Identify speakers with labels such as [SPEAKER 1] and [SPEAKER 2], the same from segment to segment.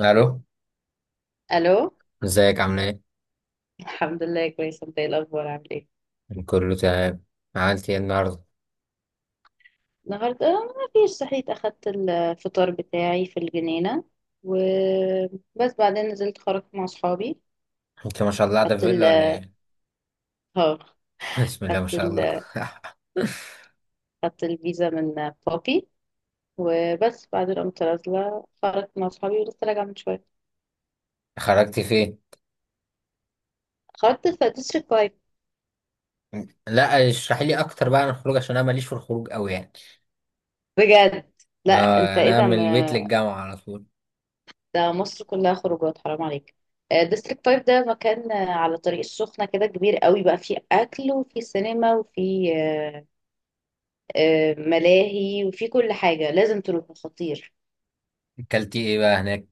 [SPEAKER 1] الو.
[SPEAKER 2] الو.
[SPEAKER 1] ازيك، عامل ايه؟
[SPEAKER 2] الحمد لله كويسه. انت ايه الاخبار، عامل ايه؟
[SPEAKER 1] كله تمام. عملت ايه النهارده؟
[SPEAKER 2] النهارده ما فيش، صحيت اخدت الفطار بتاعي في الجنينه وبس، بعدين نزلت خرجت مع اصحابي.
[SPEAKER 1] انت ما شاء الله ده
[SPEAKER 2] خدت ال
[SPEAKER 1] فيلا ولا ايه؟
[SPEAKER 2] اه.
[SPEAKER 1] بسم الله ما
[SPEAKER 2] خدت
[SPEAKER 1] شاء
[SPEAKER 2] ال
[SPEAKER 1] الله
[SPEAKER 2] خدت الفيزا من بابي، وبس بعدين قمت نازله خرجت مع اصحابي ولسه راجعه من شويه.
[SPEAKER 1] خرجت فين؟
[SPEAKER 2] خرجت في ديستريكت 5.
[SPEAKER 1] لا اشرحي لي اكتر بقى عن الخروج عشان انا ماليش في الخروج قوي يعني.
[SPEAKER 2] بجد. لا انت
[SPEAKER 1] اه
[SPEAKER 2] ايه
[SPEAKER 1] انا
[SPEAKER 2] ده؟
[SPEAKER 1] من البيت للجامعه على طول.
[SPEAKER 2] ده مصر كلها خروجات، حرام عليك. ديستريكت 5 ده مكان على طريق السخنة كده، كبير قوي بقى، فيه أكل وفيه سينما وفيه ملاهي، وفيه كل حاجة، لازم تروح، خطير.
[SPEAKER 1] اكلتي ايه بقى هناك؟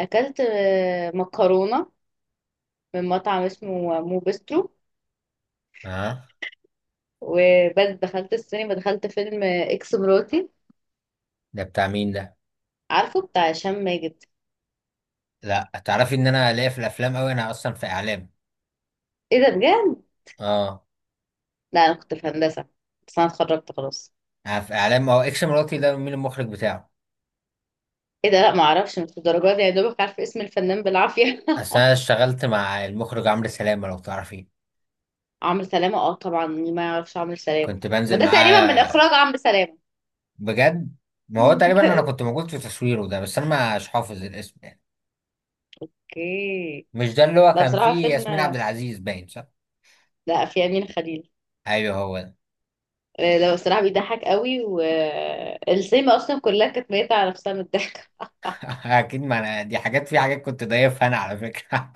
[SPEAKER 2] أكلت مكرونة من مطعم اسمه مو بسترو
[SPEAKER 1] اه.
[SPEAKER 2] وبس. دخلت السينما، دخلت فيلم إكس مراتي.
[SPEAKER 1] ده بتاع مين ده؟
[SPEAKER 2] عارفه، بتاع هشام ماجد.
[SPEAKER 1] لا تعرفي ان انا ليا في الافلام قوي، انا اصلا في اعلام.
[SPEAKER 2] ايه ده بجد؟
[SPEAKER 1] اه
[SPEAKER 2] لا أنا كنت في هندسة، بس أنا اتخرجت خلاص.
[SPEAKER 1] انا في اعلام. هو اكس مراتي ده مين المخرج بتاعه؟
[SPEAKER 2] ايه ده؟ لا معرفش، مش الدرجات دي، يا دوبك عارفة اسم الفنان بالعافية.
[SPEAKER 1] اصل انا اشتغلت مع المخرج عمرو سلامه، لو تعرفيه.
[SPEAKER 2] عمرو سلامة؟ اه طبعا، مين ما يعرفش عمرو سلامة.
[SPEAKER 1] كنت
[SPEAKER 2] ما
[SPEAKER 1] بنزل
[SPEAKER 2] ده تقريبا من اخراج
[SPEAKER 1] معاه.
[SPEAKER 2] عمرو سلامة.
[SPEAKER 1] بجد؟ ما هو تقريبا انا كنت موجود في تصويره ده، بس انا مش حافظ الاسم يعني.
[SPEAKER 2] اوكي.
[SPEAKER 1] مش ده اللي هو
[SPEAKER 2] لا
[SPEAKER 1] كان
[SPEAKER 2] بصراحة
[SPEAKER 1] فيه ياسمين عبد
[SPEAKER 2] فيلم...
[SPEAKER 1] العزيز، باين صح؟
[SPEAKER 2] لا، في أمينة خليل.
[SPEAKER 1] ايوه هو ده.
[SPEAKER 2] لا بصراحة بيضحك قوي، والسينما أصلا كلها كانت ميتة على نفسها من الضحك.
[SPEAKER 1] اكيد، ما انا دي حاجات في حاجات كنت ضايفها انا على فكره.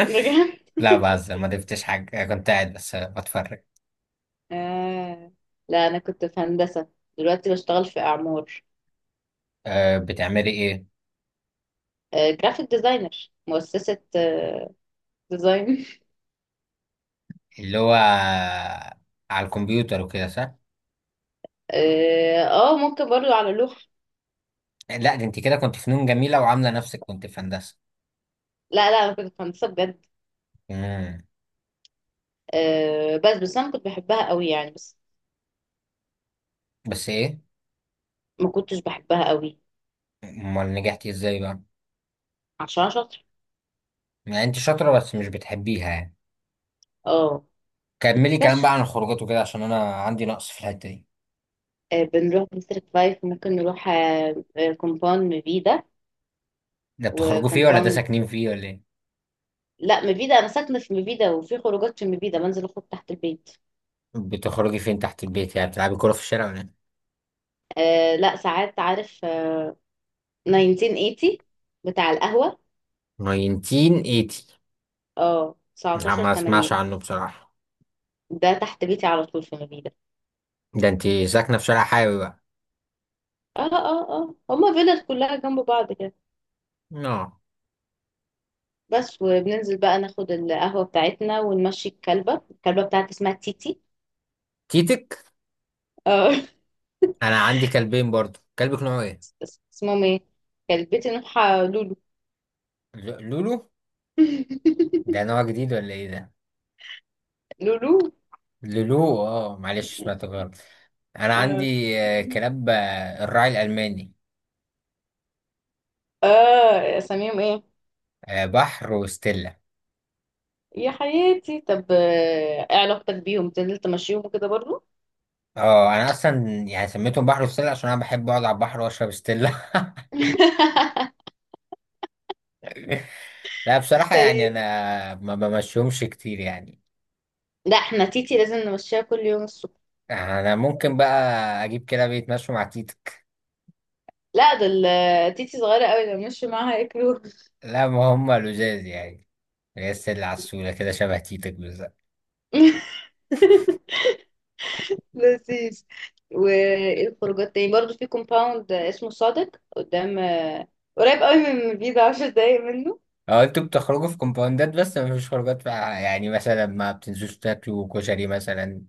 [SPEAKER 2] بجد.
[SPEAKER 1] لا بهزر، ما ضفتش حاجه، كنت قاعد بس بتفرج.
[SPEAKER 2] آه. لا أنا كنت في هندسة، دلوقتي بشتغل في أعمار.
[SPEAKER 1] أه، بتعملي ايه؟
[SPEAKER 2] جرافيك ديزاينر، مؤسسة ديزاين.
[SPEAKER 1] اللي هو على الكمبيوتر وكده، صح؟
[SPEAKER 2] اه. ممكن برضو على لوح.
[SPEAKER 1] لا دي انت كده كنت فنون جميله وعامله نفسك كنت في هندسه.
[SPEAKER 2] لا لا، أنا كنت في هندسة بجد.
[SPEAKER 1] امم
[SPEAKER 2] بس أنا كنت بحبها قوي، يعني بس
[SPEAKER 1] بس ايه؟
[SPEAKER 2] ما كنتش بحبها قوي.
[SPEAKER 1] امال نجحتي ازاي بقى؟
[SPEAKER 2] عشان شاطر.
[SPEAKER 1] يعني انت شاطره بس مش بتحبيها يعني.
[SPEAKER 2] اه.
[SPEAKER 1] كملي كلام بقى
[SPEAKER 2] بس
[SPEAKER 1] عن الخروجات وكده عشان انا عندي نقص في الحته دي.
[SPEAKER 2] بنروح ديستريكت 5، ممكن نروح كومباوند مبيدة
[SPEAKER 1] ده بتخرجوا فيه ولا ده
[SPEAKER 2] وكومباوند.
[SPEAKER 1] ساكنين فيه ولا ايه؟
[SPEAKER 2] لا، مبيدة انا ساكنة في مبيدة، وفي خروجات في مبيدة، بنزل اخرج تحت البيت.
[SPEAKER 1] بتخرجي فين تحت البيت؟ يعني بتلعبي كوره في الشارع ولا ايه؟
[SPEAKER 2] آه لا، ساعات عارف آه، 1980، بتاع القهوة.
[SPEAKER 1] 1980؟
[SPEAKER 2] اه،
[SPEAKER 1] لا،
[SPEAKER 2] 19
[SPEAKER 1] ما اسمعش
[SPEAKER 2] 80.
[SPEAKER 1] عنه بصراحه.
[SPEAKER 2] ده تحت بيتي على طول في مبيدة.
[SPEAKER 1] ده انت ساكنه في شارع حيوي بقى.
[SPEAKER 2] اه اه اه، هما فيلل كلها جنب بعض كده.
[SPEAKER 1] اه.
[SPEAKER 2] بس، وبننزل بقى ناخد القهوة بتاعتنا ونمشي الكلبة بتاعتي اسمها تيتي.
[SPEAKER 1] تيتك؟
[SPEAKER 2] اه.
[SPEAKER 1] انا عندي كلبين برضو. كلبك نوعه ايه؟
[SPEAKER 2] اسمهم ايه؟ كلبتي نوحة لولو.
[SPEAKER 1] لولو؟ ده نوع جديد ولا ايه ده؟
[SPEAKER 2] لولو.
[SPEAKER 1] لولو، اه معلش سمعت غلط. انا
[SPEAKER 2] اه.
[SPEAKER 1] عندي كلاب الراعي الالماني.
[SPEAKER 2] اساميهم ايه؟
[SPEAKER 1] بحر وستيلا.
[SPEAKER 2] يا حياتي. طب ايه علاقتك بيهم، تنزل تمشيهم وكده برضو؟
[SPEAKER 1] اه انا اصلا يعني سميتهم بحر وستيلا عشان انا بحب اقعد على البحر واشرب ستيلا. لا بصراحة يعني
[SPEAKER 2] طيب.
[SPEAKER 1] انا ما بمشيهمش كتير يعني.
[SPEAKER 2] لا، احنا تيتي لازم نمشيها كل يوم الصبح.
[SPEAKER 1] انا ممكن بقى اجيب كده بيتمشوا مع تيتك.
[SPEAKER 2] لا دول تيتي صغيرة قوي، لو مشي معاها ياكلوها.
[SPEAKER 1] لا ما هم لزاز يعني. هي الستيلا على السولة كده شبه تيتك بالظبط.
[SPEAKER 2] لذيذ. والخروجات تاني برضو في كومباوند اسمه صادق، قدام قريب قوي من بيضة، 10 دقايق منه.
[SPEAKER 1] اه انتوا بتخرجوا في كومباوندات بس ما فيش خروجات بقى؟ يعني مثلا ما بتنزلوش تاكلوا كشري مثلا؟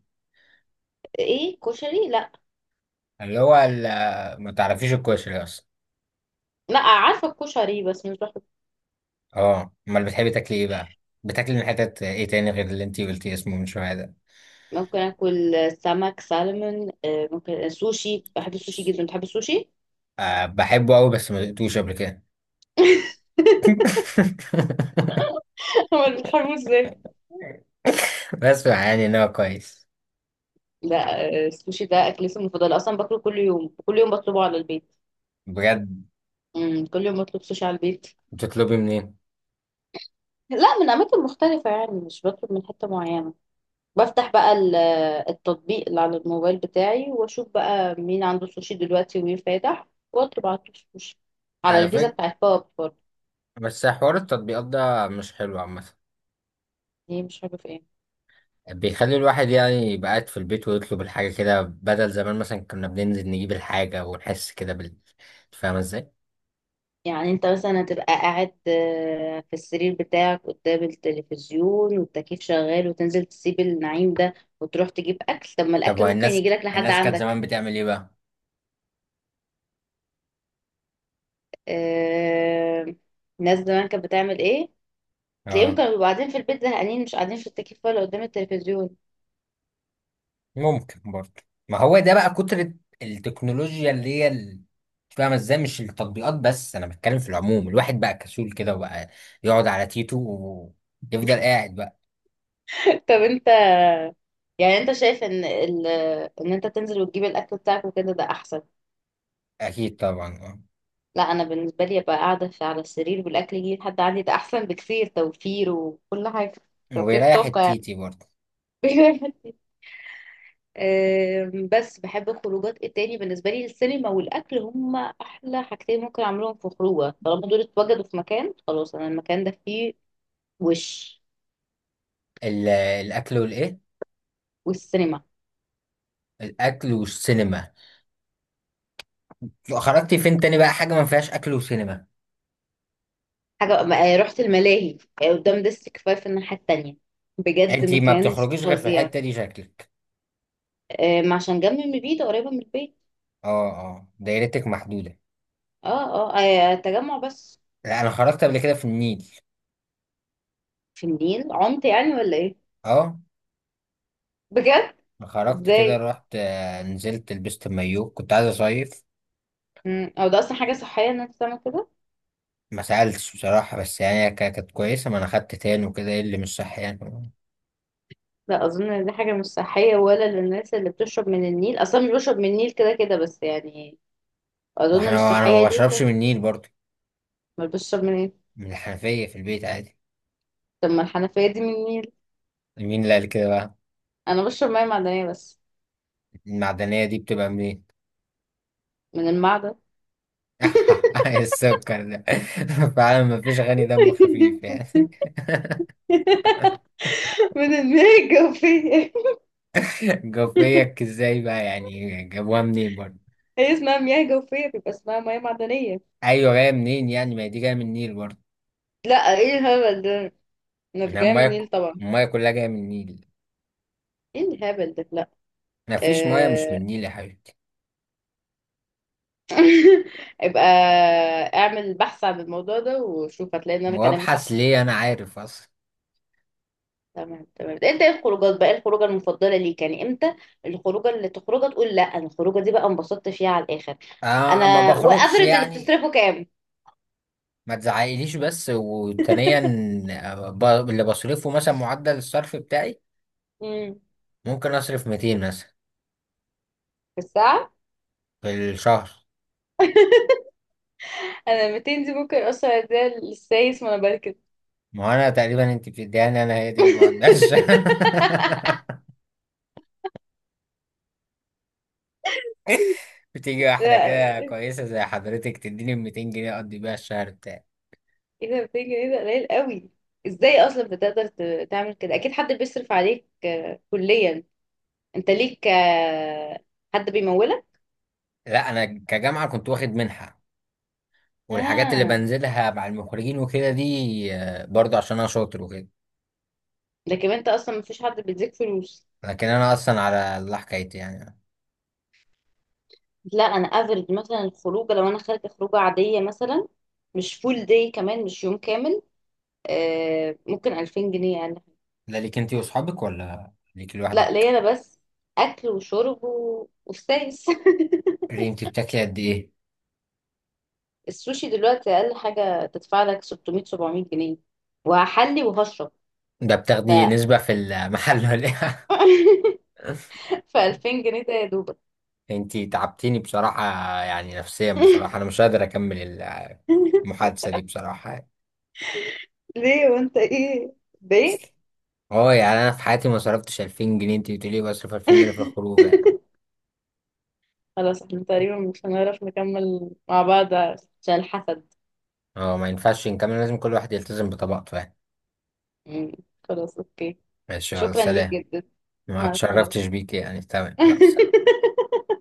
[SPEAKER 2] ايه كشري؟ لا.
[SPEAKER 1] ما تعرفيش الكشري اصلا؟
[SPEAKER 2] لا، عارفة الكشري بس مش بحب.
[SPEAKER 1] اه امال بتحبي تاكلي ايه بقى؟ بتاكلي من حتت ايه تاني غير اللي انتي قلتي اسمه من شوية ده؟
[SPEAKER 2] ممكن اكل سمك سالمون، ممكن سوشي، بحب السوشي جدا. بتحب السوشي؟
[SPEAKER 1] آه بحبه قوي بس ما دقتوش قبل كده.
[SPEAKER 2] امال بتحبه ازاي؟
[SPEAKER 1] بس يعني ان هو كويس.
[SPEAKER 2] لا السوشي ده اكلتي المفضلة اصلا، باكله كل يوم، كل يوم بطلبه على البيت.
[SPEAKER 1] بجد؟
[SPEAKER 2] كل يوم بطلب سوشي على البيت.
[SPEAKER 1] بتطلبي منين؟
[SPEAKER 2] لا، من اماكن مختلفة، يعني مش بطلب من حتة معينة. بفتح بقى التطبيق اللي على الموبايل بتاعي، واشوف بقى مين عنده سوشي دلوقتي ومين فاتح، واطلب على طول سوشي، على
[SPEAKER 1] على
[SPEAKER 2] الفيزا
[SPEAKER 1] فكرة،
[SPEAKER 2] بتاعت باب برضه.
[SPEAKER 1] بس حوار التطبيقات ده مش حلو عامة.
[SPEAKER 2] دي مش عارفة ايه.
[SPEAKER 1] بيخلي الواحد يعني يبقى قاعد في البيت ويطلب الحاجة كده بدل زمان مثلا كنا بننزل نجيب الحاجة ونحس كده بال، فاهمة ازاي؟
[SPEAKER 2] يعني انت مثلا هتبقى قاعد في السرير بتاعك قدام التلفزيون والتكييف شغال، وتنزل تسيب النعيم ده وتروح تجيب اكل؟ طب ما
[SPEAKER 1] طب
[SPEAKER 2] الاكل
[SPEAKER 1] وهي
[SPEAKER 2] ممكن
[SPEAKER 1] الناس،
[SPEAKER 2] يجيلك لحد
[SPEAKER 1] الناس كانت
[SPEAKER 2] عندك.
[SPEAKER 1] زمان بتعمل ايه بقى؟
[SPEAKER 2] آه، الناس زمان كانت بتعمل ايه؟ تلاقيهم
[SPEAKER 1] اه.
[SPEAKER 2] كانوا بيبقوا قاعدين في البيت زهقانين، مش قاعدين في التكييف ولا قدام التلفزيون.
[SPEAKER 1] ممكن برضه. ما هو ده بقى كترة التكنولوجيا اللي هي ال، مش فاهمة ازاي، مش التطبيقات بس، انا بتكلم في العموم. الواحد بقى كسول كده وبقى يقعد على تيتو ويفضل قاعد بقى.
[SPEAKER 2] طب انت، يعني انت شايف ان ان انت تنزل وتجيب الاكل بتاعك وكده ده احسن؟
[SPEAKER 1] اكيد طبعا، اه.
[SPEAKER 2] لا، انا بالنسبه لي ابقى قاعده في على السرير والاكل يجي لحد عندي، ده احسن بكثير، توفير وكل حاجه، توفير
[SPEAKER 1] وبيريح
[SPEAKER 2] طاقه.
[SPEAKER 1] التيتي برضه.
[SPEAKER 2] بس بحب الخروجات التاني. بالنسبة لي السينما والأكل هما أحلى حاجتين ممكن أعملهم في خروجة، طالما دول اتوجدوا في مكان خلاص، أنا المكان ده فيه وش...
[SPEAKER 1] الاكل والايه؟
[SPEAKER 2] والسينما.
[SPEAKER 1] الاكل والسينما. لو خرجتي فين تاني بقى، حاجة ما فيهاش اكل وسينما؟
[SPEAKER 2] حاجة رحت الملاهي قدام ديستريكت فايف الناحية التانية، بجد
[SPEAKER 1] انتي ما
[SPEAKER 2] مكان
[SPEAKER 1] بتخرجيش غير في
[SPEAKER 2] فظيع.
[SPEAKER 1] الحتة دي شكلك.
[SPEAKER 2] عشان جنب من البيت، قريبة من البيت.
[SPEAKER 1] اه اه، دايرتك محدودة.
[SPEAKER 2] اه اه، تجمع بس.
[SPEAKER 1] لا انا خرجت قبل كده في النيل.
[SPEAKER 2] في النيل؟ عمت يعني ولا ايه؟
[SPEAKER 1] اه.
[SPEAKER 2] بجد؟
[SPEAKER 1] خرجت
[SPEAKER 2] ازاي؟
[SPEAKER 1] كده، رحت نزلت لبست المايو، كنت عايز اصيف.
[SPEAKER 2] او ده اصلا حاجة صحية ان انت تعمل كده؟
[SPEAKER 1] ما سألتش بصراحة بس يعني هي كانت كويسة، ما انا خدت تان وكده، ايه اللي مش صح يعني؟
[SPEAKER 2] لا اظن ان دي حاجه مش صحيه، ولا للناس اللي بتشرب من النيل. اصلا مش بشرب من النيل كده كده، بس يعني
[SPEAKER 1] ما
[SPEAKER 2] اظن مش
[SPEAKER 1] احنا انا ما
[SPEAKER 2] صحيه دي
[SPEAKER 1] بشربش
[SPEAKER 2] ك-
[SPEAKER 1] من النيل برضو.
[SPEAKER 2] ما بشرب من ايه؟
[SPEAKER 1] من الحنفية في البيت عادي.
[SPEAKER 2] طب ما الحنفيه دي من النيل.
[SPEAKER 1] مين اللي قال كده بقى؟
[SPEAKER 2] انا بشرب ميه معدنيه بس.
[SPEAKER 1] المعدنية دي بتبقى منين؟
[SPEAKER 2] من المعدن.
[SPEAKER 1] السكر ده. فعلا ما فيش غني دم خفيف يعني.
[SPEAKER 2] من المياه الجوفيه.
[SPEAKER 1] جوفيك ازاي بقى؟ يعني جابوها منين برضو؟
[SPEAKER 2] هي اسمها مياه جوفيه، بيبقى اسمها ميه معدنيه.
[SPEAKER 1] ايوه، جاية منين يعني؟ ما هي دي جاية من النيل برضو.
[SPEAKER 2] لا ايه الهبل ده؟ انا في
[SPEAKER 1] من
[SPEAKER 2] جاي من
[SPEAKER 1] المايه.
[SPEAKER 2] النيل طبعا.
[SPEAKER 1] المايه كلها جاية من النيل.
[SPEAKER 2] ايه الهبل ده؟ لا.
[SPEAKER 1] ما فيش مايه مش
[SPEAKER 2] آه،
[SPEAKER 1] من النيل يا حبيبي.
[SPEAKER 2] يبقى اعمل بحث عن الموضوع ده، وشوف هتلاقي ان انا كلامي صح.
[SPEAKER 1] وابحث ليه؟ انا عارف اصلا.
[SPEAKER 2] تمام تمام. انت ايه الخروجات بقى؟ ايه الخروجه المفضله ليك يعني؟ امتى الخروجه اللي تخرجها تقول لا انا الخروجه دي بقى انبسطت فيها على الاخر؟
[SPEAKER 1] آه ما
[SPEAKER 2] انا
[SPEAKER 1] بخرجش
[SPEAKER 2] وافرج اللي
[SPEAKER 1] يعني.
[SPEAKER 2] بتصرفه كام؟
[SPEAKER 1] ما تزعقليش، بس وثانيا، آه، ب- اللي بصرفه مثلا معدل الصرف بتاعي،
[SPEAKER 2] امم.
[SPEAKER 1] ممكن اصرف 200 مثلا.
[SPEAKER 2] في الساعه؟
[SPEAKER 1] في الشهر.
[SPEAKER 2] انا 200 دي ممكن اصلا اديها للسايس وانا بركب.
[SPEAKER 1] ما هو انا تقريبا انت بتديهاني، انا هي دي اللي بعدهاش. بتيجي واحده
[SPEAKER 2] لا
[SPEAKER 1] كده
[SPEAKER 2] ايه؟
[SPEAKER 1] كويسه زي حضرتك تديني 200 جنيه اقضي بيها الشهر بتاعي.
[SPEAKER 2] ده 200 جنيه ده قليل قوي. ازاي اصلا بتقدر تعمل كده؟ اكيد حد بيصرف عليك كليا. انت ليك حد بيمولك.
[SPEAKER 1] لا انا كجامعه كنت واخد منحه، والحاجات اللي
[SPEAKER 2] اه.
[SPEAKER 1] بنزلها مع المخرجين وكده دي برضه عشان انا شاطر وكده.
[SPEAKER 2] لكن انت اصلا مفيش حد بيديك فلوس.
[SPEAKER 1] لكن انا اصلا على الله حكايتي يعني.
[SPEAKER 2] لا، انا افرض مثلا الخروجه، لو انا خارجه خروجه عاديه مثلا، مش فول داي كمان، مش يوم كامل، آه ممكن 2000 جنيه يعني.
[SPEAKER 1] ده ليك انت واصحابك ولا ليك
[SPEAKER 2] لا، ليا
[SPEAKER 1] لوحدك؟
[SPEAKER 2] انا بس، اكل وشرب وستايس.
[SPEAKER 1] اللي انت بتاكلي قد ايه؟
[SPEAKER 2] السوشي دلوقتي اقل حاجه تدفع لك 600 700 جنيه، وهحلي وهشرب.
[SPEAKER 1] ده
[SPEAKER 2] ف...
[SPEAKER 1] بتاخدي نسبة في المحل ولا ايه؟
[SPEAKER 2] ف 2000 جنيه ده يا دوبك.
[SPEAKER 1] انت تعبتيني بصراحة. يعني نفسيا بصراحة انا مش قادر اكمل المحادثة دي بصراحة يعني.
[SPEAKER 2] ليه، وانت ايه ده؟
[SPEAKER 1] اه يعني انا في حياتي ما صرفتش 2000 جنيه، انت بتقولي بصرف 2000 جنيه في الخروج يعني.
[SPEAKER 2] خلاص، احنا تقريبا مش هنعرف نكمل مع بعض عشان الحسد.
[SPEAKER 1] اه ما ينفعش نكمل، لازم كل واحد يلتزم بطبقته يعني.
[SPEAKER 2] مم، خلاص اوكي.
[SPEAKER 1] ماشي، يلا
[SPEAKER 2] شكرا ليك
[SPEAKER 1] سلام.
[SPEAKER 2] جدا.
[SPEAKER 1] ما
[SPEAKER 2] مع السلامة.
[SPEAKER 1] اتشرفتش بيك يعني، تمام، يلا سلام.